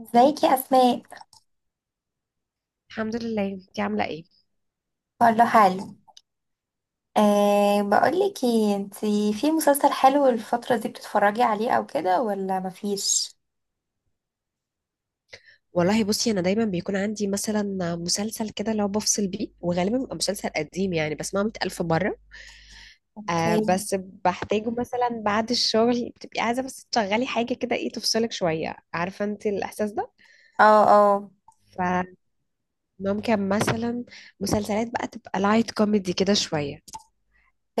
ازيك يا اسماء؟ الحمد لله. انتي عامله ايه؟ كله حلو. بقولك ايه، انتي في مسلسل حلو الفترة دي بتتفرجي عليه او كده ولا مفيش؟ والله بصي، انا دايما بيكون عندي مثلا مسلسل كده لو بفصل بيه، وغالبا بيبقى مسلسل قديم، يعني بسمعه 100,000 مره. آه اوكي. بس بحتاجه مثلا بعد الشغل، بتبقي عايزه بس تشغلي حاجه كده، ايه تفصلك شويه، عارفه انت الاحساس ده. اه. اه. فممكن مثلا مسلسلات بقى تبقى لايت كوميدي كده شويه.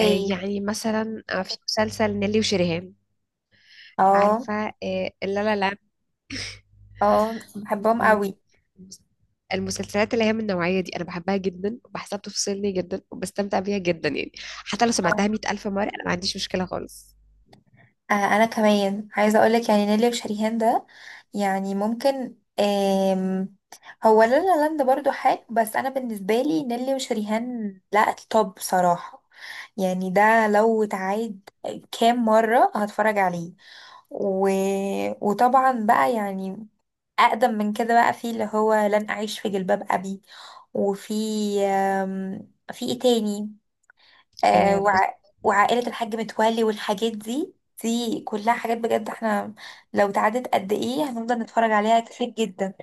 آه، يعني مثلا في مسلسل نيلي وشريهان، اه. عارفه؟ آه لا لا لا، اه، بحبهم قوي. المسلسلات اللي هي من النوعية دي أنا بحبها جدا، وبحسها بتفصلني جدا، وبستمتع بيها جدا يعني. حتى لو سمعتها مئة ألف مرة، أنا ما عنديش مشكلة خالص. آه، انا كمان عايزه اقولك يعني نيلي وشريهان ده. يعني ممكن هو لا لا لاند برضو حلو، بس انا بالنسبه لي نيلي وشريهان لا التوب بصراحه. يعني ده لو اتعاد كام مره هتفرج عليه و... وطبعا بقى يعني أقدم من كده، بقى في اللي هو لن أعيش في جلباب أبي. وفي في إيه تاني؟ آه بص، وعائلة الحاج متولي والحاجات دي. دي كلها حاجات بجد احنا لو تعدت قد ايه هنفضل نتفرج عليها كتير جدا.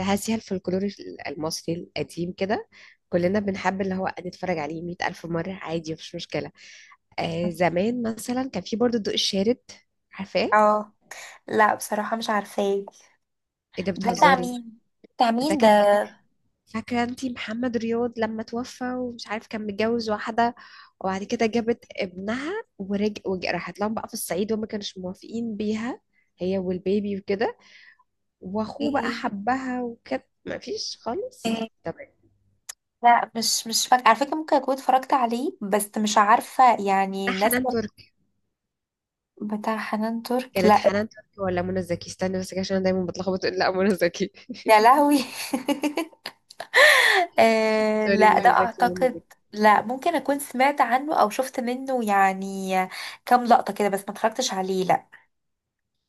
هذه الفولكلور المصري القديم كده، كلنا بنحب اللي هو نتفرج عليه مئة ألف مرة عادي، مفيش مشكلة. آه زمان مثلا كان في برضه الضوء الشارد، عارفاه؟ اه. لا بصراحة مش عارفاه. إيه ده ده بتاع بتهزري؟ مين؟ بتاع ده مين ده؟ كان، فاكرة انتي محمد رياض لما توفى ومش عارف كان متجوز واحدة، وبعد كده جابت ابنها راحت لهم بقى في الصعيد وما كانوش موافقين بيها، هي والبيبي وكده، واخوه بقى إيه؟ حبها وكده، ما فيش خالص. طب لا، مش فاكرة على فكرة. ممكن أكون اتفرجت عليه بس مش عارفة يعني ده الناس. حنان تركي، بتاع حنان ترك؟ كانت لا. حنان تركي ولا منى زكي؟ استني بس كده عشان انا دايما بتلخبط. لا منى زكي يا لهوي! آه، سوري، لا ده منى زكي منى اعتقد. زكي لا، ممكن اكون سمعت عنه او شفت منه يعني كام لقطة كده، بس ما اتفرجتش عليه. لا.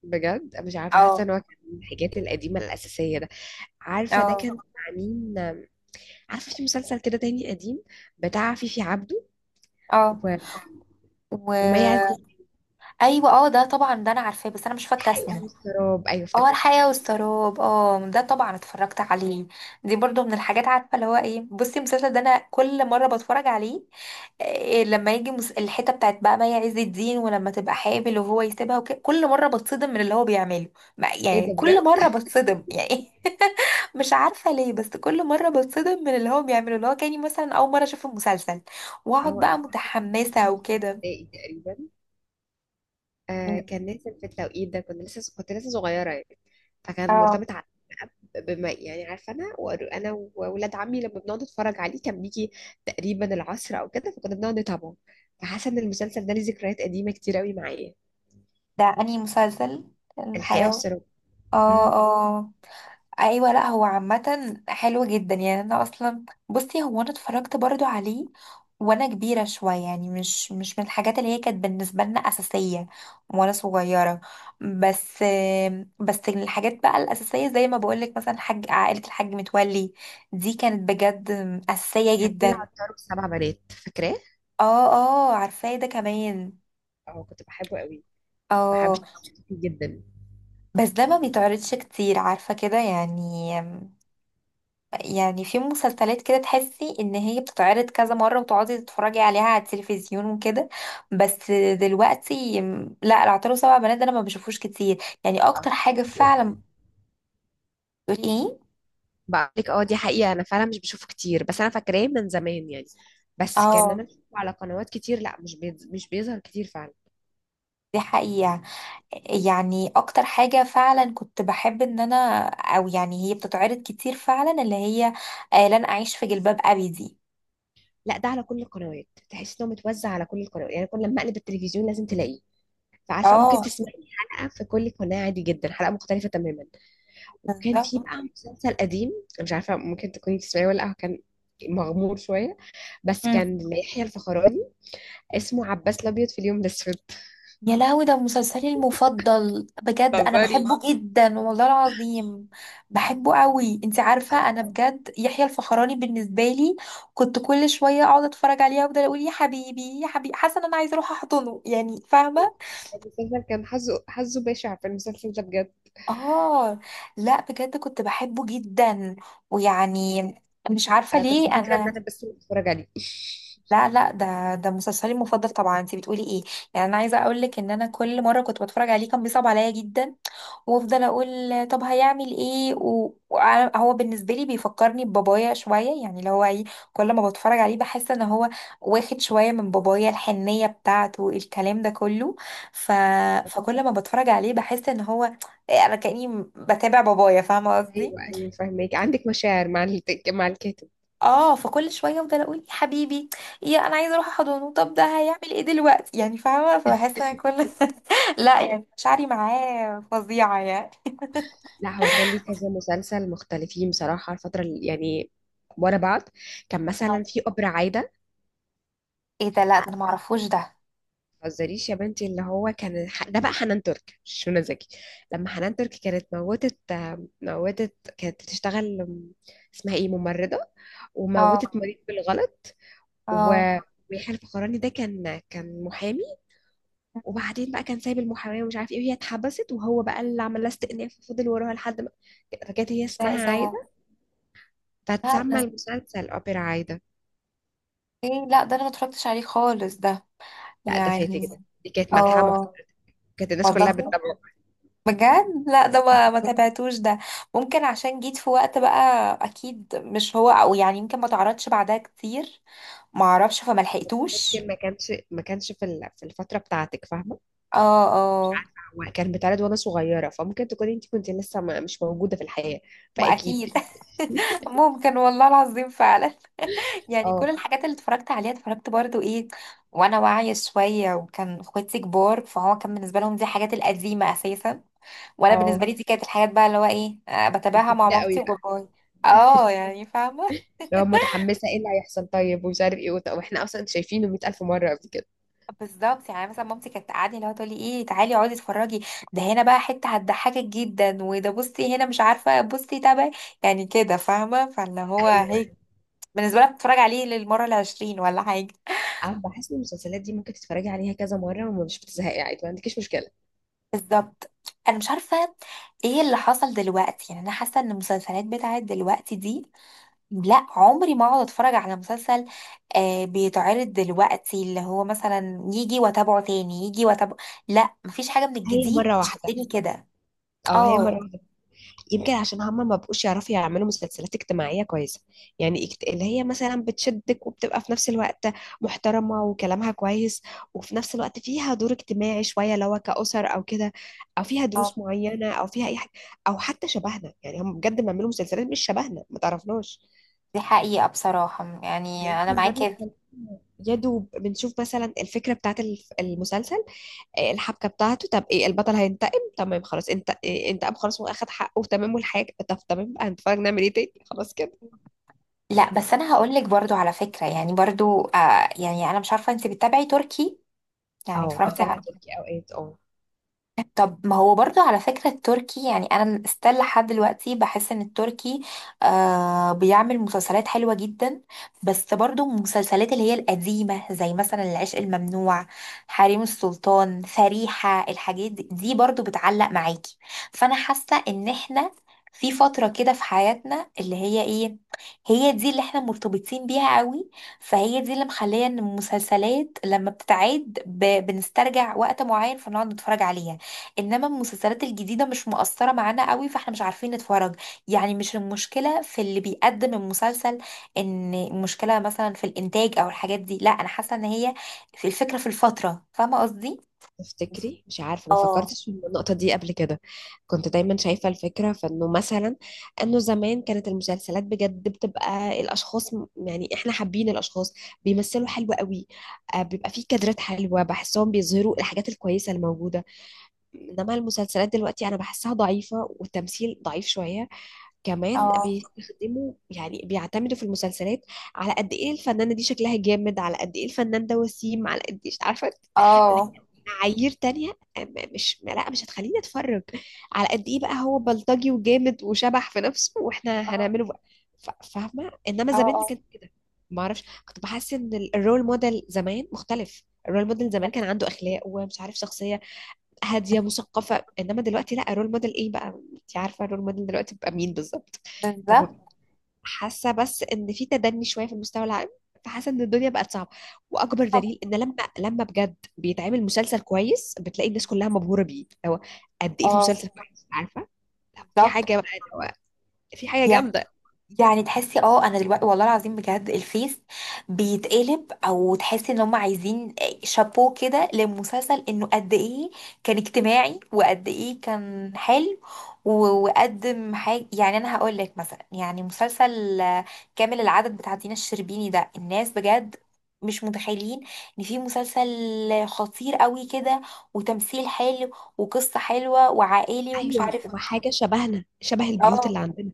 بجد مش عارفه، حاسه اه. ان هو كان من الحاجات القديمه الاساسيه ده. عارفه ده اه. كان مع مين؟ عارفه في مسلسل كده تاني قديم بتاع فيفي عبده اه. و... وما و يعزب؟ ايوه، اه ده طبعا، ده انا عارفاه بس انا مش فاكرة الحقيقه اسمه. والسراب، ايوه اه، افتكرته. الحياة والسراب! اه ده طبعا اتفرجت عليه. دي برضو من الحاجات، عارفة اللي هو ايه؟ بصي المسلسل ده انا كل مرة بتفرج عليه. إيه لما يجي الحتة بتاعت بقى مي عز الدين، ولما تبقى حامل وهو يسيبها وكده، كل مرة بتصدم من اللي هو بيعمله. ايه ده يعني كل بجد. مرة بتصدم يعني. مش عارفة ليه، بس كل مرة بتصدم من اللي هو بيعمله، اللي هو كاني مثلا أول مرة أشوف المسلسل اه وأقعد بقى انا فاكره إن أنا شفته متحمسة في وكده. ابتدائي تقريبا. آه مم. كان نازل في التوقيت ده، كنت لسه صغيره يعني. فكان اه. مرتبط بما، يعني عارفه، انا واولاد عمي لما بنقعد نتفرج عليه كان بيجي تقريبا العصر او كده، فكنا بنقعد نتابعه. فحاسه ان المسلسل ده ليه ذكريات قديمه كتير قوي معايا. ده أنهي مسلسل؟ الحقيقه الحياة؟ والسراب. اه. امم. اه. ايوه، لا هو عامه حلو جدا يعني. انا اصلا بصي، هو انا اتفرجت برضو عليه وانا كبيره شويه، يعني مش من الحاجات اللي هي كانت بالنسبه لنا اساسيه وانا صغيره، بس. بس الحاجات بقى الاساسيه زي ما بقولك، مثلا حاج عائله الحاج متولي، دي كانت بجد اساسيه كان في جدا. العطار والسبع بنات، فاكراه؟ اه. اه، عارفاه ده كمان. اه كنت بحبه قوي، اه. فحبيت الشخص دي جدا. بس ده ما بيتعرضش كتير، عارفه كده يعني؟ يعني في مسلسلات كده تحسي ان هي بتتعرض كذا مرة وتقعدي تتفرجي عليها على التلفزيون وكده. بس دلوقتي لا، العطار سبع بنات ده انا ما بشوفوش كتير، يعني اه، اكتر حاجة يعني فعلا. ايه؟ بقول لك، اه دي حقيقة، انا فعلا مش بشوفه كتير، بس انا فاكراه من زمان يعني. بس كان اه، انا بشوفه على قنوات كتير. لا مش بيظهر كتير فعلا. دي حقيقة، يعني اكتر حاجة فعلا كنت بحب ان انا، او يعني هي بتتعرض كتير فعلا، اللي هي لن اعيش في جلباب ابي دي. لا، ده على كل القنوات، تحس انه متوزع على كل القنوات، يعني كل لما اقلب التلفزيون لازم تلاقيه. فعارفة ممكن اه. تسمعي حلقة في كل قناة عادي جدا، حلقة مختلفة تماما. وكان في بالظبط. بقى مسلسل قديم، أنا مش عارفة ممكن تكوني تسمعيه ولا لا، هو كان مغمور شوية، بس كان ليحيى الفخراني، اسمه عباس الأبيض في اليوم الأسود. يا لهوي! ده مسلسلي المفضل بجد، انا بتهزري؟ بحبه جدا والله العظيم. بحبه قوي. انت عارفه انا بجد يحيى الفخراني بالنسبه لي، كنت كل شويه اقعد اتفرج عليه وافضل اقول يا حبيبي يا حبيبي، حاسه ان انا عايزه اروح احضنه يعني، فاهمه؟ المسلسل كان حظه، حظه بشع في المسلسل ده بجد. اه. لا بجد كنت بحبه جدا. ويعني، مش عارفه انا كنت ليه فاكره ان انا. انا بس اللي بتفرج عليه لا لا، ده مسلسلي المفضل طبعا. انت بتقولي ايه؟ يعني انا عايزه اقول لك ان انا كل مره كنت بتفرج عليه كان بيصعب عليا جدا، وافضل اقول، طب هيعمل ايه هو بالنسبه لي بيفكرني ببابايا شويه، يعني اللي هو ايه. كل ما بتفرج عليه بحس ان هو واخد شويه من بابايا، الحنيه بتاعته الكلام ده كله. ف... فكل ما بتفرج عليه بحس ان هو انا كاني بتابع بابايا، فاهمه قصدي؟ ايوه ايوه فاهمك، عندك مشاعر مع مع الكاتب. اه، فكل شويه افضل اقول يا حبيبي، يا انا عايزه اروح احضنه، طب ده هيعمل ايه دلوقتي يعني، فاهمه؟ فبحس ان كل. لا يعني، مشاعري معاه فظيعه يعني. لا هو كان ليه كذا مسلسل مختلفين بصراحه الفتره اللي يعني ورا بعض. كان مثلا آه. في أبرة عايده. ايه ده؟ لا ده آه، انا معرفوش ده. متهزريش يا بنتي، اللي هو كان ده بقى حنان ترك مش منى زكي. لما حنان ترك كانت موتت، موتت، كانت بتشتغل اسمها ايه، ممرضه، اه. وموتت مريض بالغلط. اه، و- ويحيى الفخراني ده كان محامي، وبعدين بقى كان سايب المحامية ومش عارف ايه، وهي اتحبست، وهو بقى اللي عمل لها استئناف وفضل وراها لحد ما، فكانت هي ده ايه اسمها ده؟ عايدة، لا فتسمى ده المسلسل أوبرا عايدة. ايه؟ لا ده انا ما اتفرجتش عليه خالص ده، لا ده فاتك يعني. ده، دي كانت ملحمة اه، محترمة. كانت الناس كلها والله بتتابعه. بجد لا، ده ما تابعتوش ده. ممكن عشان جيت في وقت بقى، اكيد مش هو، او يعني يمكن ما تعرضش بعدها كتير، ما اعرفش فما لحقتوش. ممكن ما كانش في في الفترة بتاعتك، فاهمة؟ اه. مش اه عارفة، هو كان بيتعرض وانا صغيرة، فممكن تكوني انت كنت لسه مش موجودة في الحياة، ما اكيد. فأكيد. ممكن، والله العظيم فعلا. يعني كل اه الحاجات اللي اتفرجت عليها اتفرجت برضو ايه وانا واعية شوية، وكان اخواتي كبار فهو كان بالنسبة لهم دي الحاجات القديمة اساسا، وانا بالنسبة اه، لي دي كانت الحاجات بقى اللي هو ايه، بتابعها مع جديدة مامتي قوي بقى. وباباي. اه، يعني فاهمة. لو متحمسة ايه اللي هيحصل طيب ومش عارف ايه واحنا اصلا شايفينه 100,000 مرة قبل كده. بالظبط، يعني مثلا مامتي كانت تقعدني، اللي هو تقولي، ايه تعالي اقعدي اتفرجي، ده هنا بقى حتة هتضحكك جدا، وده بصي هنا مش عارفة، بصي تابعي، يعني كده فاهمة؟ فاللي هو ايوه، هيك. بالنسبة لها بتتفرج عليه للمرة العشرين ولا حاجة. أنا بحس ان المسلسلات دي ممكن تتفرجي عليها كذا مره ومش بتزهقي عادي، ما عندكيش مشكله. بالظبط. انا مش عارفه ايه اللي حصل دلوقتي، يعني انا حاسه ان المسلسلات بتاعت دلوقتي دي، لا عمري ما اقعد اتفرج على مسلسل بيتعرض دلوقتي، اللي هو مثلا يجي واتابعه، تاني يجي واتابعه، لا مفيش حاجه من هي الجديد مرة واحدة. تشدني كده. اه هي اه. مرة واحدة. يمكن عشان هما ما بقوش يعرفوا يعملوا مسلسلات اجتماعيه كويسه، يعني اللي هي مثلا بتشدك، وبتبقى في نفس الوقت محترمه وكلامها كويس، وفي نفس الوقت فيها دور اجتماعي شويه اللي هو كاسر او كده، او فيها اه دروس معينه، او فيها اي حاجه، او حتى شبهنا. يعني هم بجد بيعملوا مسلسلات مش شبهنا، ما تعرفناش. دي حقيقه بصراحه، يعني انا يمكن ده معاكي. بيخلينا يا دوب بنشوف مثلا الفكره بتاعت المسلسل، الحبكه بتاعته. طب ايه، البطل هينتقم، تمام خلاص. انت إيه، انتقم خلاص واخد حقه تمام، والحاجه، طب تمام بقى، هنتفرج نعمل ايه تاني؟ خلاص كده. لا، بس انا هقول لك برضو على فكره، يعني برضو يعني، انا مش عارفه، انت بتتابعي تركي يعني، اه اتفرجتي؟ بتابع تركي اوقات اه. طب ما هو برضو على فكرة، التركي يعني أنا استل لحد دلوقتي بحس إن التركي بيعمل مسلسلات حلوة جدا. بس برضو المسلسلات اللي هي القديمة زي مثلا العشق الممنوع، حريم السلطان، فريحة، الحاجات دي، دي برضو بتعلق معاكي. فأنا حاسة إن إحنا في فترة كده في حياتنا اللي هي إيه، هي دي اللي إحنا مرتبطين بيها قوي، فهي دي اللي مخلية إن المسلسلات لما بتتعاد بنسترجع وقت معين، فنقعد نتفرج عليها. انما المسلسلات الجديده مش مؤثره معانا قوي، فاحنا مش عارفين نتفرج. يعني مش المشكله في اللي بيقدم المسلسل، ان المشكله مثلا في الانتاج او الحاجات دي، لا انا حاسه ان هي في الفكره في الفتره، فاهمه قصدي؟ تفتكري؟ مش عارفة ما اه. فكرتش في النقطة دي قبل كده. كنت دايما شايفة الفكرة فإنه مثلا، إنه زمان كانت المسلسلات بجد بتبقى الأشخاص يعني إحنا حابين الأشخاص، بيمثلوا حلو قوي، بيبقى فيه كادرات حلوة، بحسهم بيظهروا الحاجات الكويسة الموجودة. إنما المسلسلات دلوقتي أنا بحسها ضعيفة، والتمثيل ضعيف شوية. كمان اه. بيستخدموا، يعني بيعتمدوا في المسلسلات على قد ايه الفنانة دي شكلها جامد، على قد ايه الفنان ده وسيم، على قد ايه عارفة اللي اه. هي معايير تانية، مش هتخليني اتفرج على قد ايه بقى هو بلطجي وجامد وشبح في نفسه واحنا اه. هنعمله بقى. فاهمة؟ انما زمان ما اه، كانش كده. ما اعرفش، كنت بحس ان الرول موديل زمان مختلف، الرول موديل زمان كان عنده اخلاق ومش عارف، شخصية هادية مثقفة، انما دلوقتي لا، الرول موديل ايه بقى؟ انت عارفة الرول موديل دلوقتي بقى مين بالظبط. طب، بالظبط. حاسه بس ان في تدني شويه في المستوى العام، فحاسه ان الدنيا بقت صعبه. واكبر دليل ان لما بجد بيتعمل مسلسل كويس بتلاقي الناس كلها مبهوره بيه، هو قد ايه في مسلسل اه كويس، عارفه؟ لا، في بالظبط. حاجه بقى، هو في حاجه جامده. يعني تحسي اه انا دلوقتي والله العظيم بجد الفيس بيتقلب، او تحسي ان هم عايزين شابوه كده للمسلسل انه قد ايه كان اجتماعي وقد ايه كان حلو و- وقدم حاجه، يعني انا هقول لك مثلا يعني مسلسل كامل العدد بتاع دينا الشربيني ده، الناس بجد مش متخيلين ان في مسلسل خطير قوي كده، وتمثيل حلو، وقصه حلوه وعائلي، ومش ايوه، عارفه. وحاجه شبهنا، شبه البيوت اه اللي عندنا.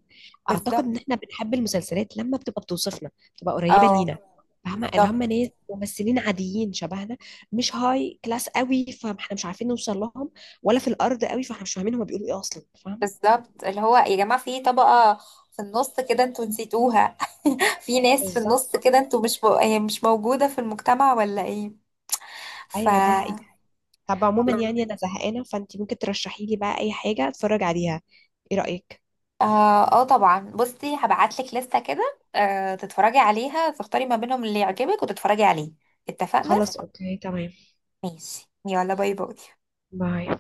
اعتقد ان بالظبط. احنا بنحب المسلسلات لما بتبقى بتوصفنا، بتبقى قريبه اه لينا، فاهمه؟ اللي هم بالظبط. ناس ممثلين عاديين شبهنا، مش هاي كلاس قوي فاحنا مش عارفين نوصل لهم، ولا في الارض قوي فاحنا مش فاهمين هم بيقولوا ايه اصلا، فاهمه؟ بالظبط. اللي هو يا جماعة في طبقة في النص كده انتوا نسيتوها. في ناس في النص بالظبط. كده انتوا مش مو... هي مش موجودة في المجتمع ولا ايه؟ ف ايوه دي اه. حقيقة. طب عموما يعني انا زهقانه، فانت ممكن ترشحي لي بقى اي حاجه اتفرج عليها، ايه رايك؟ اه، آه طبعا، بصي هبعتلك لستة كده، آه، تتفرجي عليها، تختاري ما بينهم اللي يعجبك وتتفرجي عليه، اتفقنا؟ خلاص اوكي تمام. ماشي، يلا باي باي. باي.